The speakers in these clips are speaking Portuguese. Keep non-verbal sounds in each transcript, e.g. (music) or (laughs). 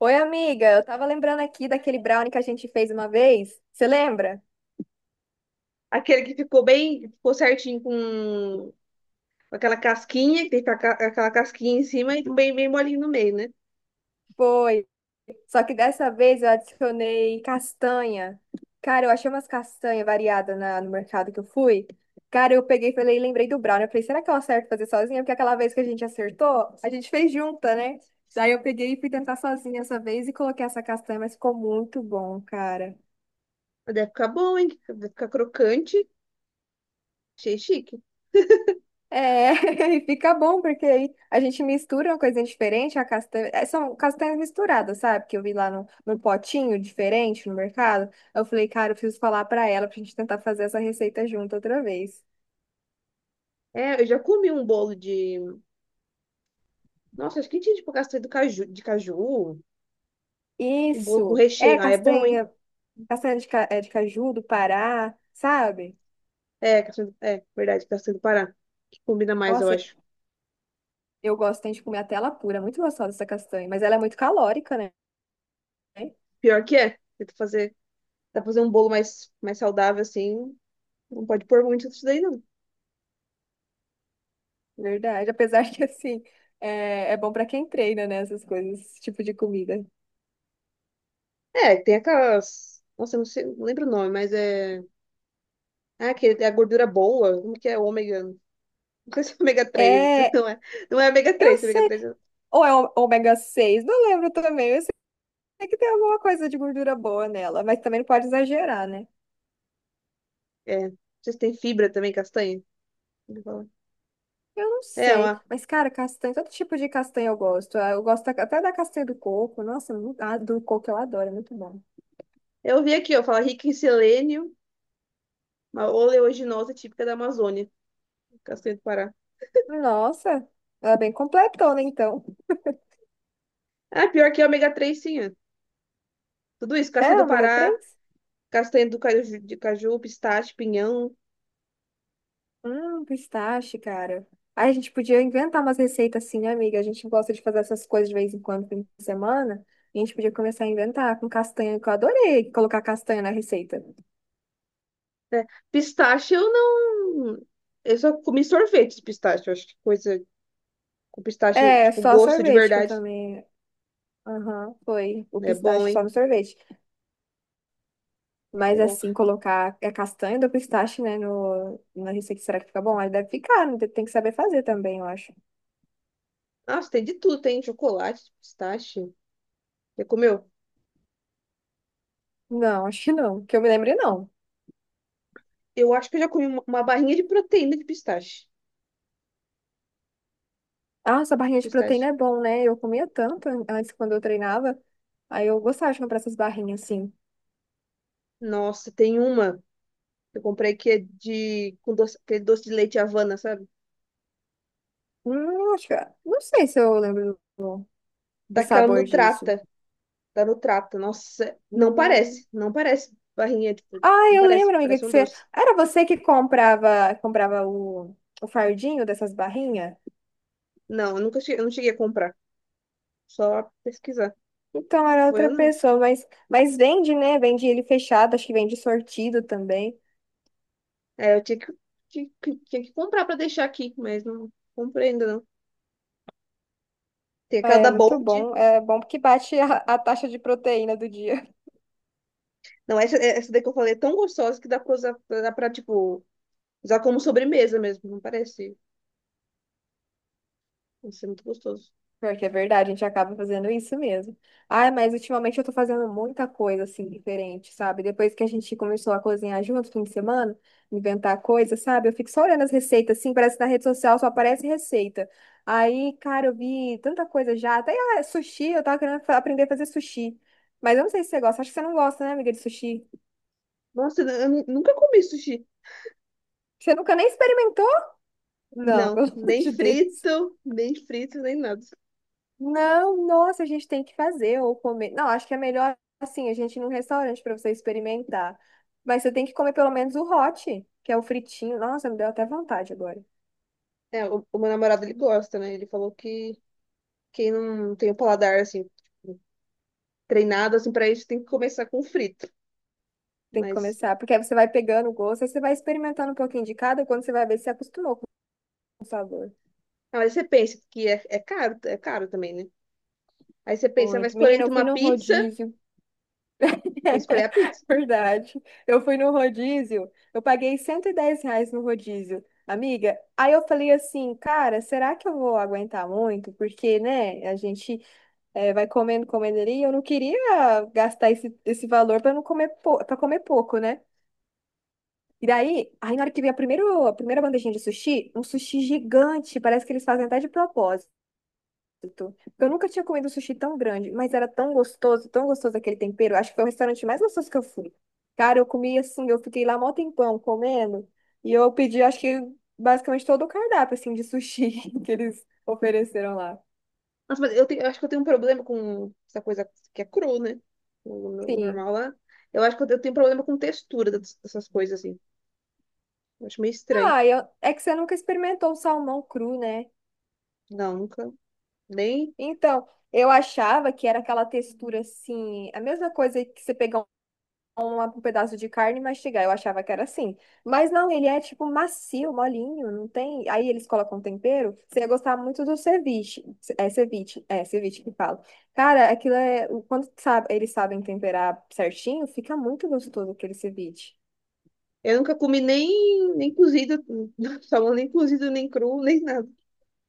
Oi, amiga, eu tava lembrando aqui daquele brownie que a gente fez uma vez. Você lembra? Aquele que ficou bem, ficou certinho com aquela casquinha, que tem que ficar aquela casquinha em cima e bem, bem molinho no meio, né? Foi. Só que dessa vez eu adicionei castanha. Cara, eu achei umas castanhas variadas no mercado que eu fui. Cara, eu peguei e falei, lembrei do brownie. Eu falei, será que eu acerto fazer sozinha? Porque aquela vez que a gente acertou, a gente fez junta, né? Daí eu peguei e fui tentar sozinha essa vez e coloquei essa castanha, mas ficou muito bom, cara. Mas deve ficar bom, hein? Deve ficar crocante. Achei chique. (laughs) É, (laughs) e fica bom, porque aí a gente mistura uma coisinha diferente, a castanha, é, são castanhas misturadas, sabe? Que eu vi lá no potinho diferente no mercado. Eu falei, cara, eu preciso falar pra ela pra gente tentar fazer essa receita junto outra vez. É, eu já comi um bolo de. Nossa, acho que tinha tipo castanha do caju, de caju. Um bolo com Isso, é recheio. Ah, é bom, hein? castanha, castanha de, é, de caju do Pará, sabe? É, castanha é verdade, castanha do Pará. Que combina mais, eu Nossa, acho. eu gosto tem de comer até ela pura, é muito gostosa essa castanha, mas ela é muito calórica, né? Pior que é. Tenta fazer, tá fazer um bolo mais saudável, assim. Não pode pôr muito disso daí, não. Verdade, (laughs) apesar que assim, é bom pra quem treina, né? Essas coisas, esse tipo de comida. É, tem aquelas. Nossa, eu não sei, não lembro o nome, mas é. Ah, que é a gordura boa, como que é ômega? Não sei se é ômega três, (laughs) É, não é ômega eu 3, que ômega sei. três é... Ou é ômega 6, não lembro também. Eu sei que tem alguma coisa de gordura boa nela, mas também não pode exagerar, né? é. Vocês têm fibra também, castanha? Ele fala. Eu não É, sei. Mas, cara, castanha, todo tipo de castanha eu gosto. Ah, eu gosto até da castanha do coco. Nossa, ah, do coco eu adoro, é muito bom. eu vi aqui, ó, fala rica em selênio, uma oleaginosa típica da Amazônia, castanha do Pará. Nossa, ela é bem completona, então. Ah, pior que é ômega 3, sim, é. Tudo isso, É, castanha do ômega Pará, 3. castanha do caju, de caju, pistache, pinhão, Pistache, cara. Aí a gente podia inventar umas receitas assim, né, amiga? A gente gosta de fazer essas coisas de vez em quando, fim de semana. E a gente podia começar a inventar com castanha, que eu adorei colocar castanha na receita. né? Pistache eu não... Eu só comi sorvete de pistache, eu acho que coisa com pistache, É, tipo, só gosto de sorvete que eu verdade. também. Aham, foi. O É bom, pistache só hein? no sorvete. É Mas bom. assim, colocar a castanha do pistache, né, no, na receita, será que fica bom? Aí deve ficar, né? Tem que saber fazer também, eu acho. Nossa, tem de tudo, tem chocolate, pistache. Já comeu? Não, (laughs) acho que não. Que eu me lembre, não. Eu acho que eu já comi uma barrinha de proteína de pistache. Nossa, a barrinha de proteína Pistache. é bom, né? Eu comia tanto antes quando eu treinava. Aí eu gostava de comprar essas barrinhas assim. Nossa, tem uma que eu comprei que é de com doce, aquele doce de leite Havana, sabe? Acho que... Não sei se eu lembro do Daquela sabor disso. Nutrata, da Nutrata. Nossa, não Hum. parece, não parece barrinha, tipo, Ah, não eu parece, lembro, amiga, parece que um você. doce. Era você que comprava, comprava o fardinho dessas barrinhas? Não, eu nunca cheguei, eu não cheguei a comprar, só pesquisar. Então era Foi outra eu não. pessoa, mas vende, né? Vende ele fechado, acho que vende sortido também. É, eu tinha que, tinha que comprar pra deixar aqui, mas não comprei ainda não. Tem Ah, aquela é da muito Bold. bom. É bom porque bate a taxa de proteína do dia. Não, essa daí que eu falei é tão gostosa que dá pra usar, dá pra, tipo, usar como sobremesa mesmo, não parece? Isso é muito gostoso. Pior que é verdade, a gente acaba fazendo isso mesmo. Ai, mas ultimamente eu tô fazendo muita coisa assim diferente, sabe? Depois que a gente começou a cozinhar junto no fim de semana, inventar coisa, sabe? Eu fico só olhando as receitas assim, parece que na rede social só aparece receita. Aí, cara, eu vi tanta coisa já, até ah, sushi, eu tava querendo aprender a fazer sushi. Mas eu não sei se você gosta, acho que você não gosta, né, amiga, de sushi? Nossa, eu nunca comi sushi. Você nunca nem experimentou? Não, (laughs) Não, pelo amor nem de Deus. frito, nem frito, nem nada. Não, nossa, a gente tem que fazer ou comer. Não, acho que é melhor assim, a gente ir num restaurante para você experimentar. Mas você tem que comer pelo menos o hot, que é o fritinho. Nossa, me deu até vontade agora. É, o meu namorado, ele gosta, né? Ele falou que quem não tem o paladar, assim, tipo, treinado, assim, pra isso tem que começar com frito. Tem que Mas, começar, porque aí você vai pegando o gosto, aí você vai experimentando um pouquinho de cada, quando você vai ver se se acostumou com o sabor. mas você pensa que é caro, é caro também, né? Aí você pensa, vai Muito. escolher Menina, entre eu fui uma no pizza, rodízio. vai escolher a pizza. (laughs) Verdade. Eu fui no rodízio, eu paguei R$ 110 no rodízio. Amiga, aí eu falei assim, cara, será que eu vou aguentar muito? Porque, né, a gente é, vai comendo, comendo ali. Eu não queria gastar esse valor para não comer para comer pouco, né? E daí, aí na hora que vem a primeira bandejinha de sushi, um sushi gigante, parece que eles fazem até de propósito. Eu nunca tinha comido um sushi tão grande, mas era tão gostoso aquele tempero. Acho que foi o restaurante mais gostoso que eu fui. Cara, eu comi assim, eu fiquei lá mó tempão comendo, e eu pedi, acho que basicamente todo o cardápio assim de sushi (laughs) que eles ofereceram lá. Nossa, mas eu acho que eu tenho um problema com essa coisa que é cru, né? O, no- o Sim. normal lá. Eu acho que eu tenho problema com textura dessas coisas, assim. Eu acho meio estranho. Ah, é que você nunca experimentou o salmão cru, né? Não, nunca. Nem. Então, eu achava que era aquela textura assim, a mesma coisa que você pegar um pedaço de carne e mastigar. Eu achava que era assim. Mas não, ele é tipo macio, molinho, não tem. Aí eles colocam tempero. Você ia gostar muito do ceviche. É ceviche, é ceviche que fala. Cara, aquilo é. Quando sabe, eles sabem temperar certinho, fica muito gostoso aquele ceviche. Eu nunca comi nem cozido, (laughs) salmão nem cozido, nem cru, nem nada.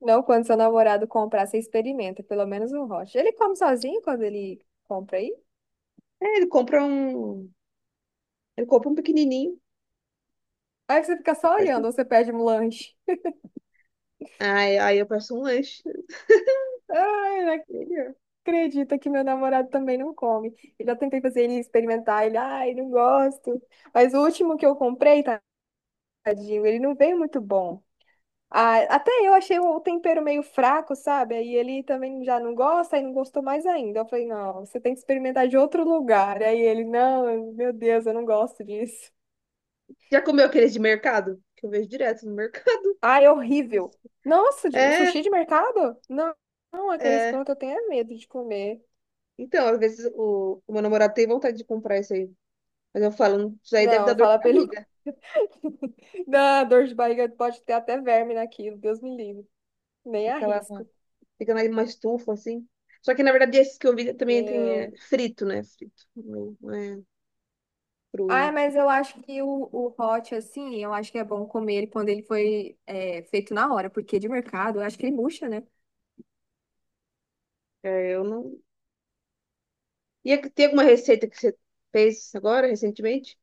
Não, quando seu namorado comprar, você experimenta, pelo menos um rocha. Ele come sozinho quando ele compra aí? É, ele compra um. Ele compra um pequenininho. Aí você fica só Faz olhando, tempo. ou você pede um lanche. Aí eu peço um lanche. Ai, não Melhor. acredito que meu namorado também não come. Eu já tentei fazer ele experimentar, ele, ai, não gosto. Mas o último que eu comprei, tadinho, ele não veio muito bom. Ah, até eu achei o tempero meio fraco, sabe? Aí ele também já não gosta e não gostou mais ainda. Eu falei, não, você tem que experimentar de outro lugar. Aí ele, não, meu Deus, eu não gosto disso. Já comeu aqueles de mercado? Que eu vejo direto no mercado. Ai, horrível. (laughs) Nossa, É, sushi de mercado? Não, aqueles é. prontos eu tenho é medo de comer. Então, às vezes o meu namorado tem vontade de comprar esse aí. Mas eu falo, isso aí deve dar Não, dor de fala pra ele. barriga. (laughs) Dá dor de barriga, pode ter até verme naquilo, Deus me livre. Nem Fica lá, arrisco. fica na uma estufa, assim. Só que, na verdade, esses que eu vi também tem é, É... frito, né? Frito, não é cru, Ah, né? mas eu acho que o hot, assim, eu acho que é bom comer ele quando ele foi é, feito na hora, porque de mercado, eu acho que ele murcha, né? É, eu não... E é que tem alguma receita que você fez agora, recentemente?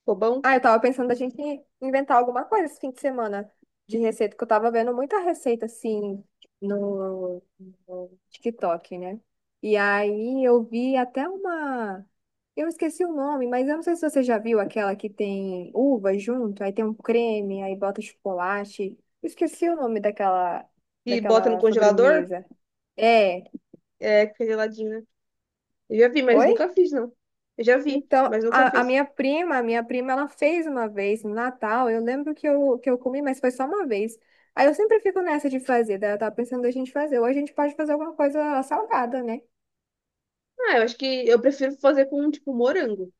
Ficou bom? Ah, eu tava pensando da gente inventar alguma coisa esse fim de semana de receita, que eu tava vendo muita receita assim no, no TikTok, né? E aí eu vi até uma. Eu esqueci o nome, mas eu não sei se você já viu aquela que tem uva junto, aí tem um creme, aí bota chocolate. Eu esqueci o nome daquela, E bota no daquela congelador? sobremesa. É. É, fica geladinho, né? Eu já vi, mas Oi? nunca fiz, não. Eu já vi, Então, mas nunca fiz. A minha prima, ela fez uma vez no Natal. Eu lembro que eu comi, mas foi só uma vez. Aí eu sempre fico nessa de fazer, daí eu tava pensando a gente fazer. Ou a gente pode fazer alguma coisa salgada, né? Ah, eu acho que eu prefiro fazer com, tipo, morango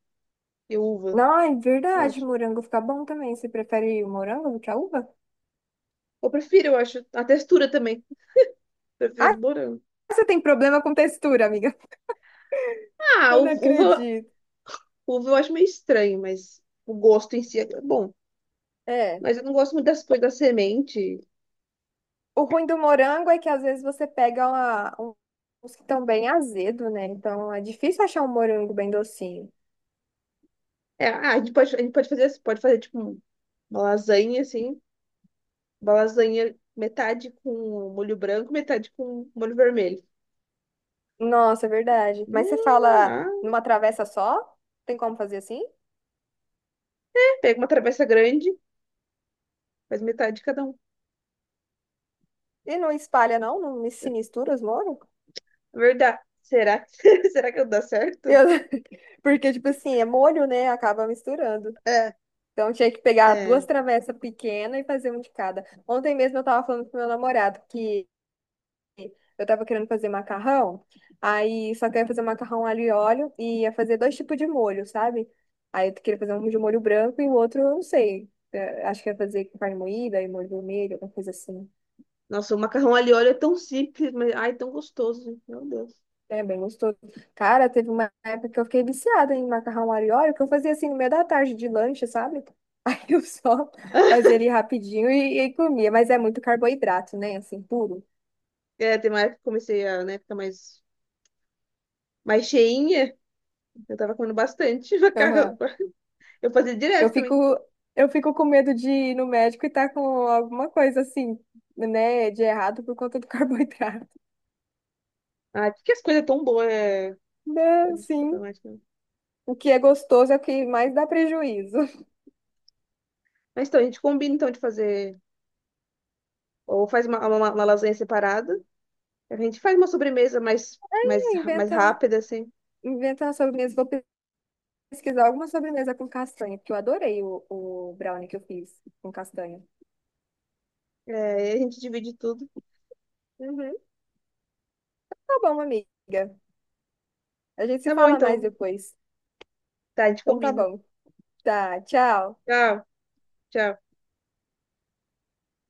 e uva, Não, é eu verdade, acho. morango fica bom também. Você prefere o morango do que a uva? Eu prefiro, eu acho. A textura também. Prefiro do Ah, morango. você tem problema com textura, amiga. (laughs) Ah, Eu não u- uva acredito. Uva eu acho meio estranho, mas o gosto em si é bom. É. Mas eu não gosto muito das coisas da semente. O ruim do morango é que às vezes você pega uma, uns que estão bem azedo, né? Então é difícil achar um morango bem docinho. É, ah, a gente pode fazer tipo uma lasanha assim, uma lasanha metade com molho branco, metade com molho vermelho. Nossa, é verdade. Mas você Hum, fala ah, numa travessa só? Tem como fazer assim? pega uma travessa grande, faz metade de cada um. E não espalha, não? Se mistura os molhos? É verdade. Será que (laughs) será que dá certo? Eu- (laughs) Porque, tipo assim, é molho, né? Acaba misturando. É, Então, tinha que pegar é. duas travessas pequenas e fazer um de cada. Ontem mesmo eu tava falando com meu namorado que eu tava querendo fazer macarrão, aí só que eu ia fazer macarrão alho e óleo e ia fazer 2 tipos de molho, sabe? Aí eu queria fazer um de molho branco e o outro, eu não sei. É, acho que ia fazer com carne moída e molho vermelho, alguma coisa assim. Nossa, o macarrão ali óleo é tão simples, mas ai, tão gostoso, gente. Meu Deus. É bem gostoso. Cara, teve uma época que eu fiquei viciada em macarrão alho e óleo, que eu fazia assim no meio da tarde de lanche, sabe? (laughs) Aí eu só (laughs) (laughs) fazia ele rapidinho e comia. Mas é muito carboidrato, né? Assim, puro. É, tem uma época que comecei a, né, ficar mais cheinha, eu tava comendo bastante (laughs) macarrão. Aham. Eu fazia Eu direto fico, também. eu fico com medo de ir no médico e tá com alguma coisa assim, né, de errado por conta do (laughs) carboidrato. Ah, por que as coisas tão boas é... Não, pode ser sim. problemática, né? O que é gostoso é o que mais dá prejuízo. Mas então, a gente combina então de fazer. Ou faz uma lasanha separada. A gente faz uma sobremesa mais, mais, (laughs) mais Inventa, rápida, assim. inventa uma sobremesa. Vou pesquisar alguma sobremesa com castanha, porque eu adorei o brownie que eu fiz com castanha. É, e a gente divide tudo. Uhum. Tá bom, amiga. A gente se Tá bom, fala mais então. depois. Tá, a gente Então tá combina. bom. Tá, tchau. Tchau, tchau.